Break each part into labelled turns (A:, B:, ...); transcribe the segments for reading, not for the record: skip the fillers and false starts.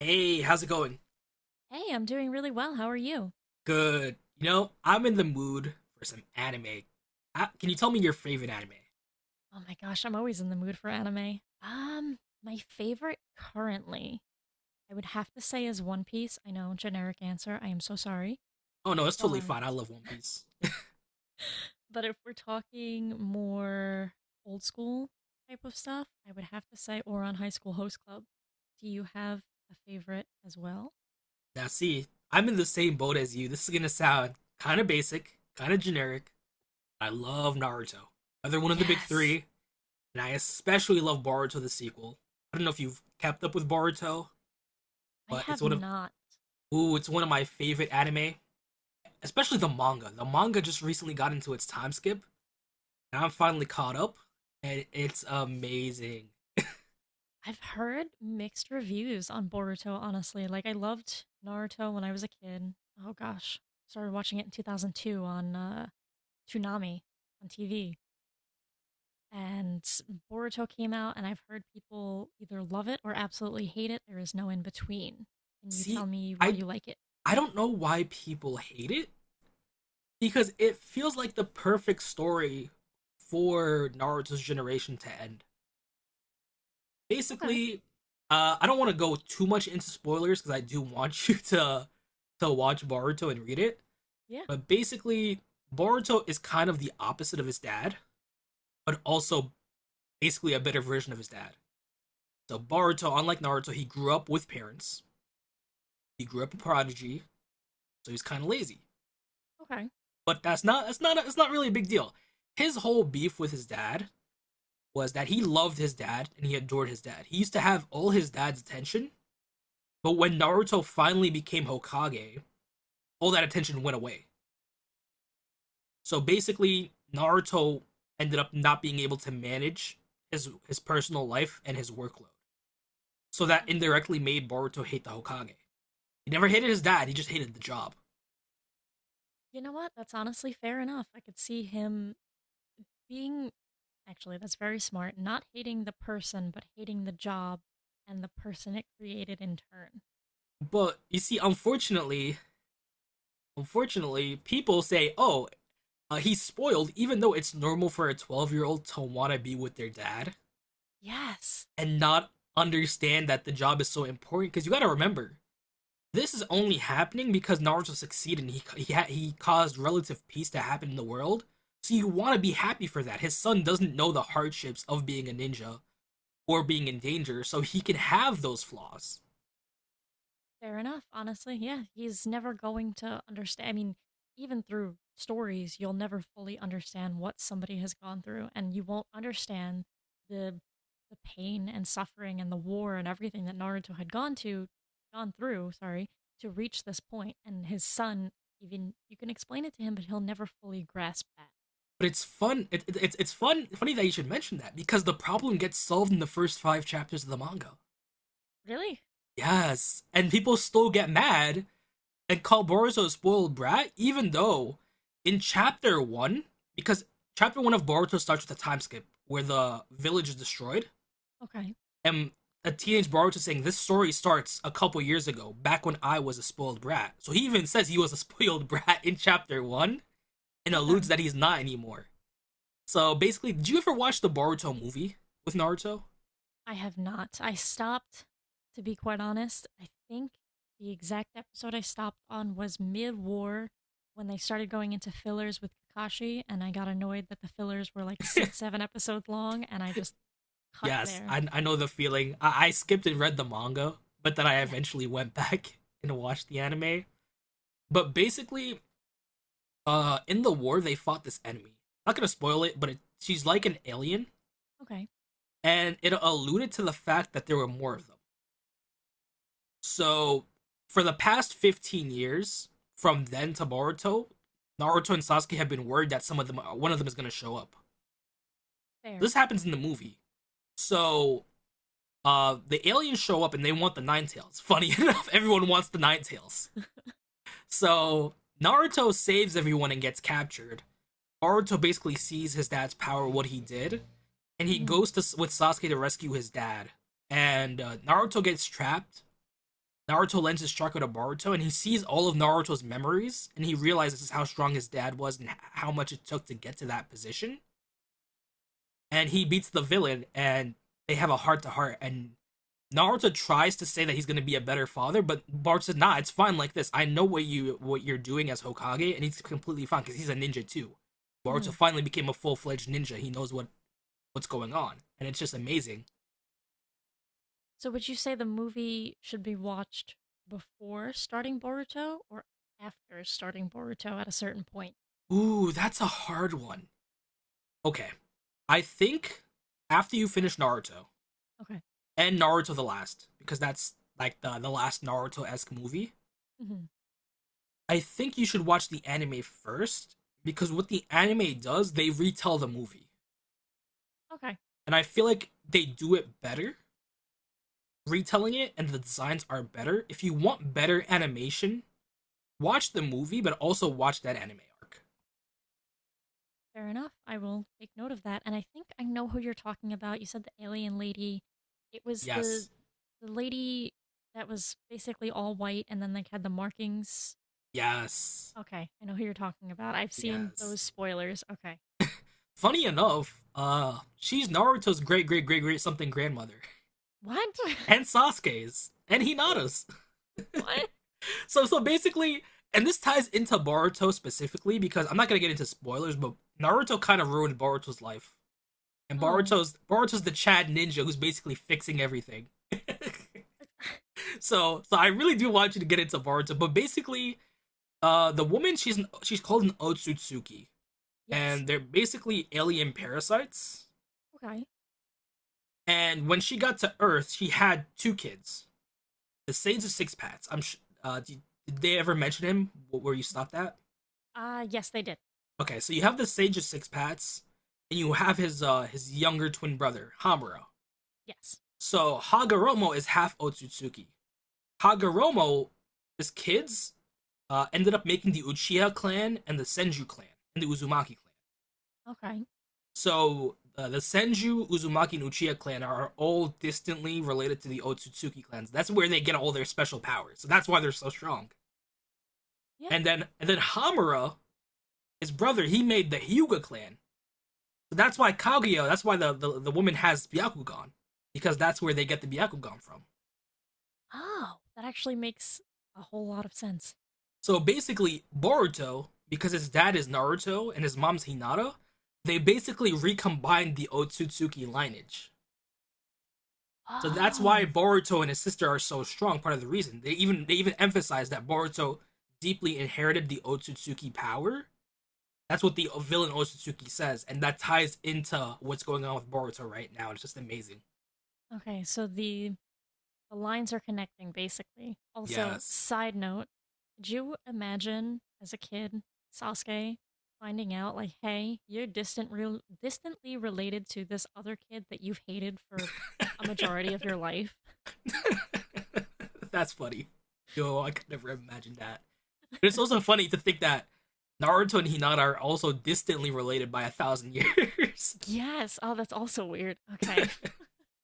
A: Hey, how's it going?
B: Hey, I'm doing really well. How are you?
A: Good. You know, I'm in the mood for some anime. Can you tell me your favorite anime?
B: Oh my gosh, I'm always in the mood for anime. My favorite currently, I would have to say is One Piece. I know, generic answer. I am so sorry.
A: Oh no, it's totally
B: But
A: fine. I love One Piece.
B: but if we're talking more old school type of stuff, I would have to say Oron High School Host Club. Do you have a favorite as well?
A: Now, see, I'm in the same boat as you. This is gonna sound kind of basic, kind of generic. I love Naruto. Another one of the big
B: Yes.
A: three, and I especially love Boruto the sequel. I don't know if you've kept up with Boruto,
B: I
A: but
B: have not.
A: it's one of my favorite anime, especially the manga. The manga just recently got into its time skip, and I'm finally caught up, and it's amazing.
B: I've heard mixed reviews on Boruto, honestly. Like, I loved Naruto when I was a kid. Oh gosh. Started watching it in 2002 on Toonami on TV. And Boruto came out, and I've heard people either love it or absolutely hate it. There is no in between. Can you
A: See,
B: tell me why
A: I
B: you like it?
A: I don't know why people hate it because it feels like the perfect story for Naruto's generation to end.
B: Okay.
A: Basically, I don't want to go too much into spoilers because I do want you to watch Boruto and read it.
B: Yeah.
A: But basically, Boruto is kind of the opposite of his dad, but also basically a better version of his dad. So Boruto, unlike Naruto, he grew up with parents. He grew up a prodigy. So he's kind of lazy.
B: Okay.
A: But that's not it's not really a big deal. His whole beef with his dad was that he loved his dad and he adored his dad. He used to have all his dad's attention, but when Naruto finally became Hokage, all that attention went away. So basically, Naruto ended up not being able to manage his personal life and his workload. So that
B: Uh,
A: indirectly made Boruto hate the Hokage. He never hated his dad, he just hated the job.
B: you know what? That's honestly fair enough. I could see him being. Actually, that's very smart. Not hating the person, but hating the job and the person it created in turn.
A: But you see, unfortunately, people say, "Oh, he's spoiled, even though it's normal for a 12-year-old year old to want to be with their dad
B: Yes,
A: and not understand that the job is so important. Because you got to remember, this is only happening because Naruto succeeded. And he caused relative peace to happen in the world. So you want to be happy for that. His son doesn't know the hardships of being a ninja or being in danger, so he can have those flaws."
B: fair enough, honestly. Yeah, he's never going to understand. I mean, even through stories, you'll never fully understand what somebody has gone through, and you won't understand the the pain and suffering and the war and everything that Naruto had gone through, sorry, to reach this point. And his son, even you can explain it to him, but he'll never fully grasp that.
A: But it's fun. It's fun. Funny that you should mention that because the problem gets solved in the first five chapters of the manga.
B: Really?
A: Yes, and people still get mad and call Boruto a spoiled brat, even though in chapter one, because chapter one of Boruto starts with a time skip where the village is destroyed,
B: Okay.
A: and a teenage Boruto saying, "This story starts a couple years ago, back when I was a spoiled brat." So he even says he was a spoiled brat in chapter one, and alludes
B: Okay.
A: that he's not anymore. So basically, did you ever watch the Boruto movie with Naruto?
B: I have not. I stopped, to be quite honest. I think the exact episode I stopped on was mid war when they started going into fillers with Kakashi, and I got annoyed that the fillers were like six, seven episodes long, and I just cut
A: Yes,
B: there.
A: I know the feeling. I skipped and read the manga, but then I
B: Yeah.
A: eventually went back and watched the anime. But basically, in the war, they fought this enemy. Not gonna spoil it, but she's like an alien,
B: Okay.
A: and it alluded to the fact that there were more of them. So, for the past 15 years, from then to Boruto, Naruto and Sasuke have been worried that some of them, one of them, is gonna show up. This
B: Fair.
A: happens in the movie. So, the aliens show up and they want the Nine Tails. Funny enough, everyone wants the Nine Tails. So Naruto saves everyone and gets captured. Naruto basically sees his dad's power, what he did, and he
B: Hmm.
A: goes to with Sasuke to rescue his dad. And Naruto gets trapped. Naruto lends his chakra to Boruto, and he sees all of Naruto's memories, and he realizes how strong his dad was and how much it took to get to that position. And he beats the villain, and they have a heart to heart, and Naruto tries to say that he's going to be a better father, but Bart says, "Nah, it's fine like this. I know what you're doing as Hokage," and he's completely fine because he's a ninja too.
B: Hmm.
A: Naruto finally became a full fledged ninja. He knows what's going on, and it's just amazing.
B: So would you say the movie should be watched before starting Boruto or after starting Boruto at a certain point?
A: Ooh, that's a hard one. Okay, I think after you finish Naruto
B: Okay.
A: and Naruto the Last, because that's like the last Naruto esque movie,
B: Hmm.
A: I think you should watch the anime first because what the anime does, they retell the movie.
B: Okay.
A: And I feel like they do it better retelling it, and the designs are better. If you want better animation, watch the movie, but also watch that anime arc.
B: Fair enough. I will take note of that. And I think I know who you're talking about. You said the alien lady. It was the
A: Yes,
B: the lady that was basically all white and then like had the markings.
A: yes,
B: Okay, I know who you're talking about. I've seen
A: yes.
B: those spoilers. Okay.
A: Funny enough, she's Naruto's great, great, great, great something grandmother,
B: What?
A: and Sasuke's, and Hinata's.
B: What?
A: So, basically, and this ties into Boruto specifically because I'm not gonna get into spoilers, but Naruto kind of ruined Boruto's life, and
B: Oh.
A: Boruto's the Chad ninja who's basically fixing everything. So, I really do want you to get into Boruto, but basically, the woman she's called an Otsutsuki,
B: Yes.
A: and they're basically alien parasites.
B: Okay.
A: And when she got to Earth, she had two kids, the Sage of Six Paths. Uh, did, did they ever mention him? Where you stopped at?
B: Yes, they did.
A: Okay, so you have the Sage of Six Paths, and you have his younger twin brother Hamura.
B: Yes.
A: So Hagoromo is half Otsutsuki, Kaguramo's kids ended up making the Uchiha clan and the Senju clan and the Uzumaki clan.
B: Okay.
A: So the Senju, Uzumaki, and Uchiha clan are all distantly related to the Otsutsuki clans. That's where they get all their special powers. So that's why they're so strong.
B: Yeah.
A: And then Hamura, his brother, he made the Hyuga clan. So that's why Kaguya, that's why the woman has Byakugan. Because that's where they get the Byakugan from.
B: Oh, that actually makes a whole lot of sense.
A: So basically, Boruto, because his dad is Naruto and his mom's Hinata, they basically recombined the Otsutsuki lineage. So that's why
B: Oh.
A: Boruto and his sister are so strong. Part of the reason they even emphasize that Boruto deeply inherited the Otsutsuki power. That's what the villain Otsutsuki says, and that ties into what's going on with Boruto right now. It's just amazing.
B: Okay, so the The lines are connecting, basically. Also,
A: Yes,
B: side note, could you imagine as a kid Sasuke finding out, like, hey, you're distant real distantly related to this other kid that you've hated for a majority of your life?
A: that's funny. Yo, I could never imagine that. But it's also funny to think that Naruto and Hinata are also distantly related by 1,000 years
B: Yes. Oh, that's also weird. Okay.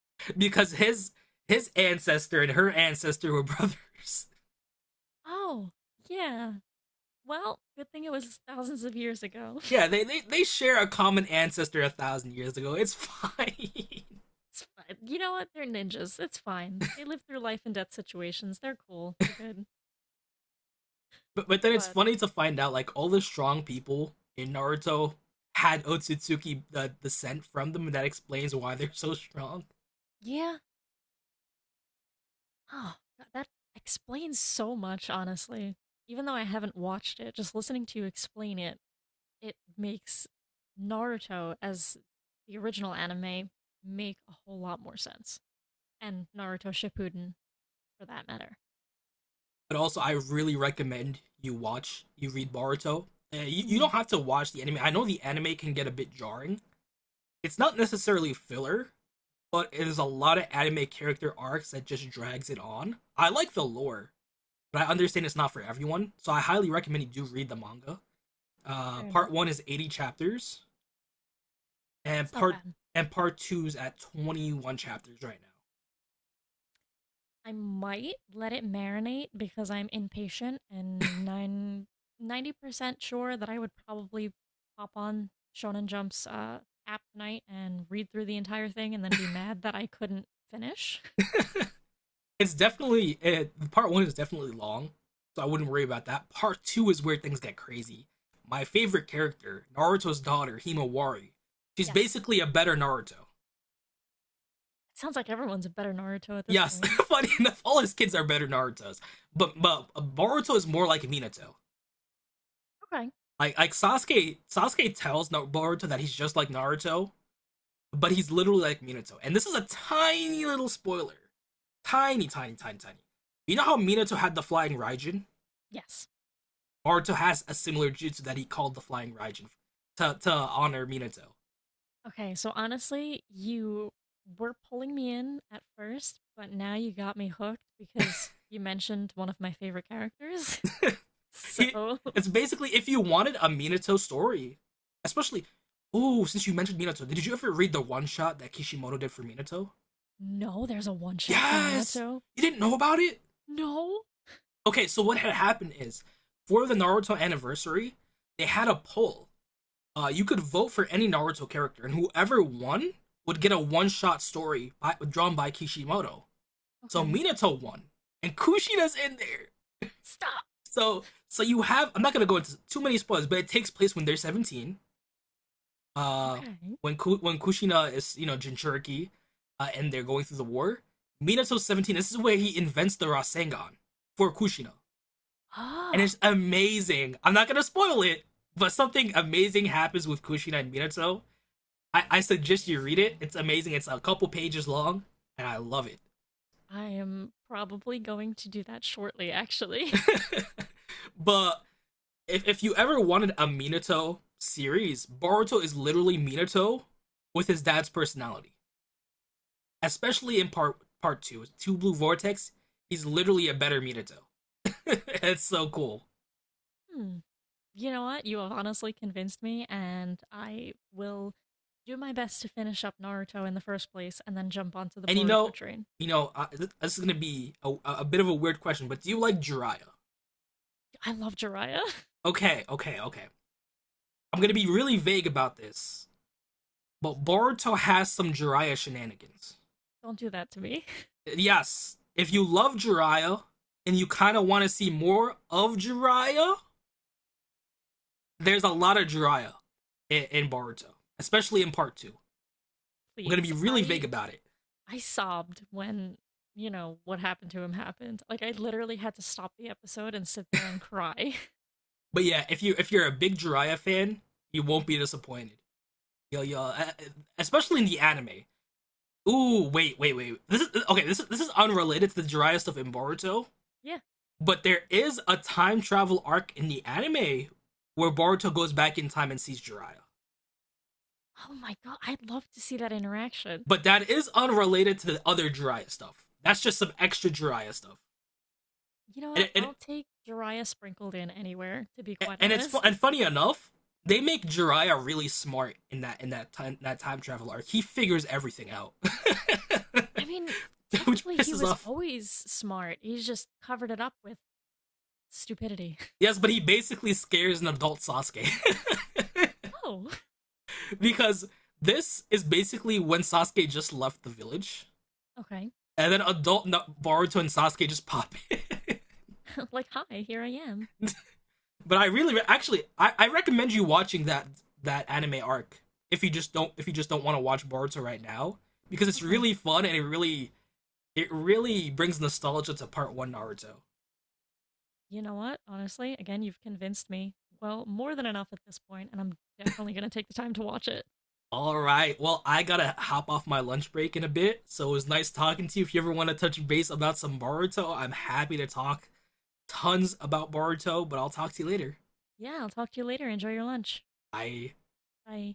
A: because his ancestor and her ancestor were brothers.
B: Oh, yeah. Well, good thing it was thousands of years ago.
A: Yeah, they share a common ancestor 1,000 years ago. It's fine.
B: It's fine. You know what? They're ninjas. It's fine. They live through life and death situations. They're cool. They're good.
A: But then it's
B: But
A: funny to find out like all the strong people in Naruto had Otsutsuki descent from them, and that explains why they're so strong.
B: yeah, oh, that explains so much, honestly. Even though I haven't watched it, just listening to you explain it, it makes Naruto as the original anime make a whole lot more sense. And Naruto Shippuden, for that matter.
A: But also I really recommend you read Boruto. You don't
B: Mhm.
A: have to watch the anime. I know the anime can get a bit jarring. It's not necessarily filler, but it is a lot of anime character arcs that just drags it on. I like
B: Oh,
A: the lore, but I understand it's not for everyone, so I highly recommend you do read the manga.
B: fair
A: Part
B: enough.
A: one is 80 chapters, and
B: It's not
A: part
B: bad.
A: and part two is at 21 chapters right now.
B: I might let it marinate because I'm impatient and 90% sure that I would probably pop on Shonen Jump's app tonight and read through the entire thing and then be mad that I couldn't finish. But
A: Part one is definitely long, so I wouldn't worry about that. Part two is where things get crazy. My favorite character, Naruto's daughter, Himawari. She's
B: yes,
A: basically a better Naruto.
B: it sounds like everyone's a better Naruto at this
A: Yes,
B: point.
A: funny enough, all his kids are better Naruto's, but Boruto is more like Minato.
B: Okay.
A: Like Sasuke tells Boruto that he's just like Naruto, but he's literally like Minato. And this is a tiny little spoiler, tiny, tiny, tiny, tiny. You know how Minato had the flying Raijin?
B: Yes.
A: Naruto has a similar jutsu that he called the Flying Raijin to honor Minato.
B: Okay, so honestly, you were pulling me in at first, but now you got me hooked because you mentioned one of my favorite characters.
A: He
B: So,
A: it's basically if you wanted a Minato story, especially oh since you mentioned Minato, did you ever read the one shot that Kishimoto did for Minato?
B: no, there's a one shot for
A: Yes,
B: Minato.
A: you didn't know about it.
B: No.
A: Okay, so what had happened is for the Naruto anniversary, they had a poll. You could vote for any Naruto character, and whoever won would get a one-shot story drawn by Kishimoto. So
B: Okay.
A: Minato won, and Kushina's in there.
B: Stop.
A: You have I'm not gonna go into too many spoilers, but it takes place when they're 17. Uh,
B: Okay.
A: when Kushina is Jinchuriki, and they're going through the war. Minato's 17. This is where he invents the Rasengan for Kushina, and
B: Ah,
A: it's amazing. I'm not gonna spoil it, but something amazing happens with Kushina and Minato. I suggest you read it. It's amazing. It's a couple pages long, and I love it.
B: I am probably going to do that shortly, actually.
A: But if you ever wanted a Minato series, Boruto is literally Minato with his dad's personality, especially in part two, Two Blue Vortex. He's literally a better Minato. It's so cool.
B: Hmm. You know what? You have honestly convinced me, and I will do my best to finish up Naruto in the first place and then jump onto the
A: And
B: Boruto train.
A: this is gonna be a bit of a weird question, but do you like Jiraiya?
B: I love Jiraiya.
A: Okay, okay, okay. I'm gonna be really vague about this, but Boruto has some Jiraiya shenanigans.
B: Don't do that to me,
A: Yes, if you love Jiraiya and you kind of want to see more of Jiraiya, there's a lot of Jiraiya in Boruto, especially in part two. We're gonna be
B: please.
A: really vague
B: I
A: about it,
B: I sobbed when, you know what happened to him happened. Like I literally had to stop the episode and sit there and cry.
A: but yeah, if you're a big Jiraiya fan, you won't be disappointed. Yo, especially in the anime. Ooh, wait, wait, wait. This is okay. This is unrelated to the Jiraiya stuff in Boruto,
B: Yeah,
A: but there is a time travel arc in the anime where Boruto goes back in time and sees Jiraiya.
B: oh my god, I'd love to see that interaction.
A: But that is unrelated to the other Jiraiya stuff. That's just some extra Jiraiya stuff.
B: You know what?
A: And, and,
B: I'll take Jiraiya sprinkled in anywhere, to be quite
A: and it's fu-
B: honest.
A: and funny enough, they make Jiraiya really smart in that time travel arc. He figures everything out,
B: I mean,
A: which
B: technically, he
A: pisses
B: was
A: off.
B: always smart. He's just covered it up with stupidity.
A: Yes, but he basically scares an adult Sasuke
B: Oh,
A: because this is basically when Sasuke just left the village,
B: okay.
A: and then adult Boruto and Sasuke just pop in.
B: Like, hi, here I am.
A: But I really, actually, I recommend you watching that anime arc if you just don't want to watch Boruto right now because it's
B: Okay.
A: really fun and it really brings nostalgia to part one Naruto.
B: You know what? Honestly, again, you've convinced me. Well, more than enough at this point, and I'm definitely going to take the time to watch it.
A: All right, well, I gotta hop off my lunch break in a bit, so it was nice talking to you. If you ever want to touch base about some Boruto, I'm happy to talk tons about Boruto, but I'll talk to you later.
B: Yeah, I'll talk to you later. Enjoy your lunch.
A: Bye.
B: Bye.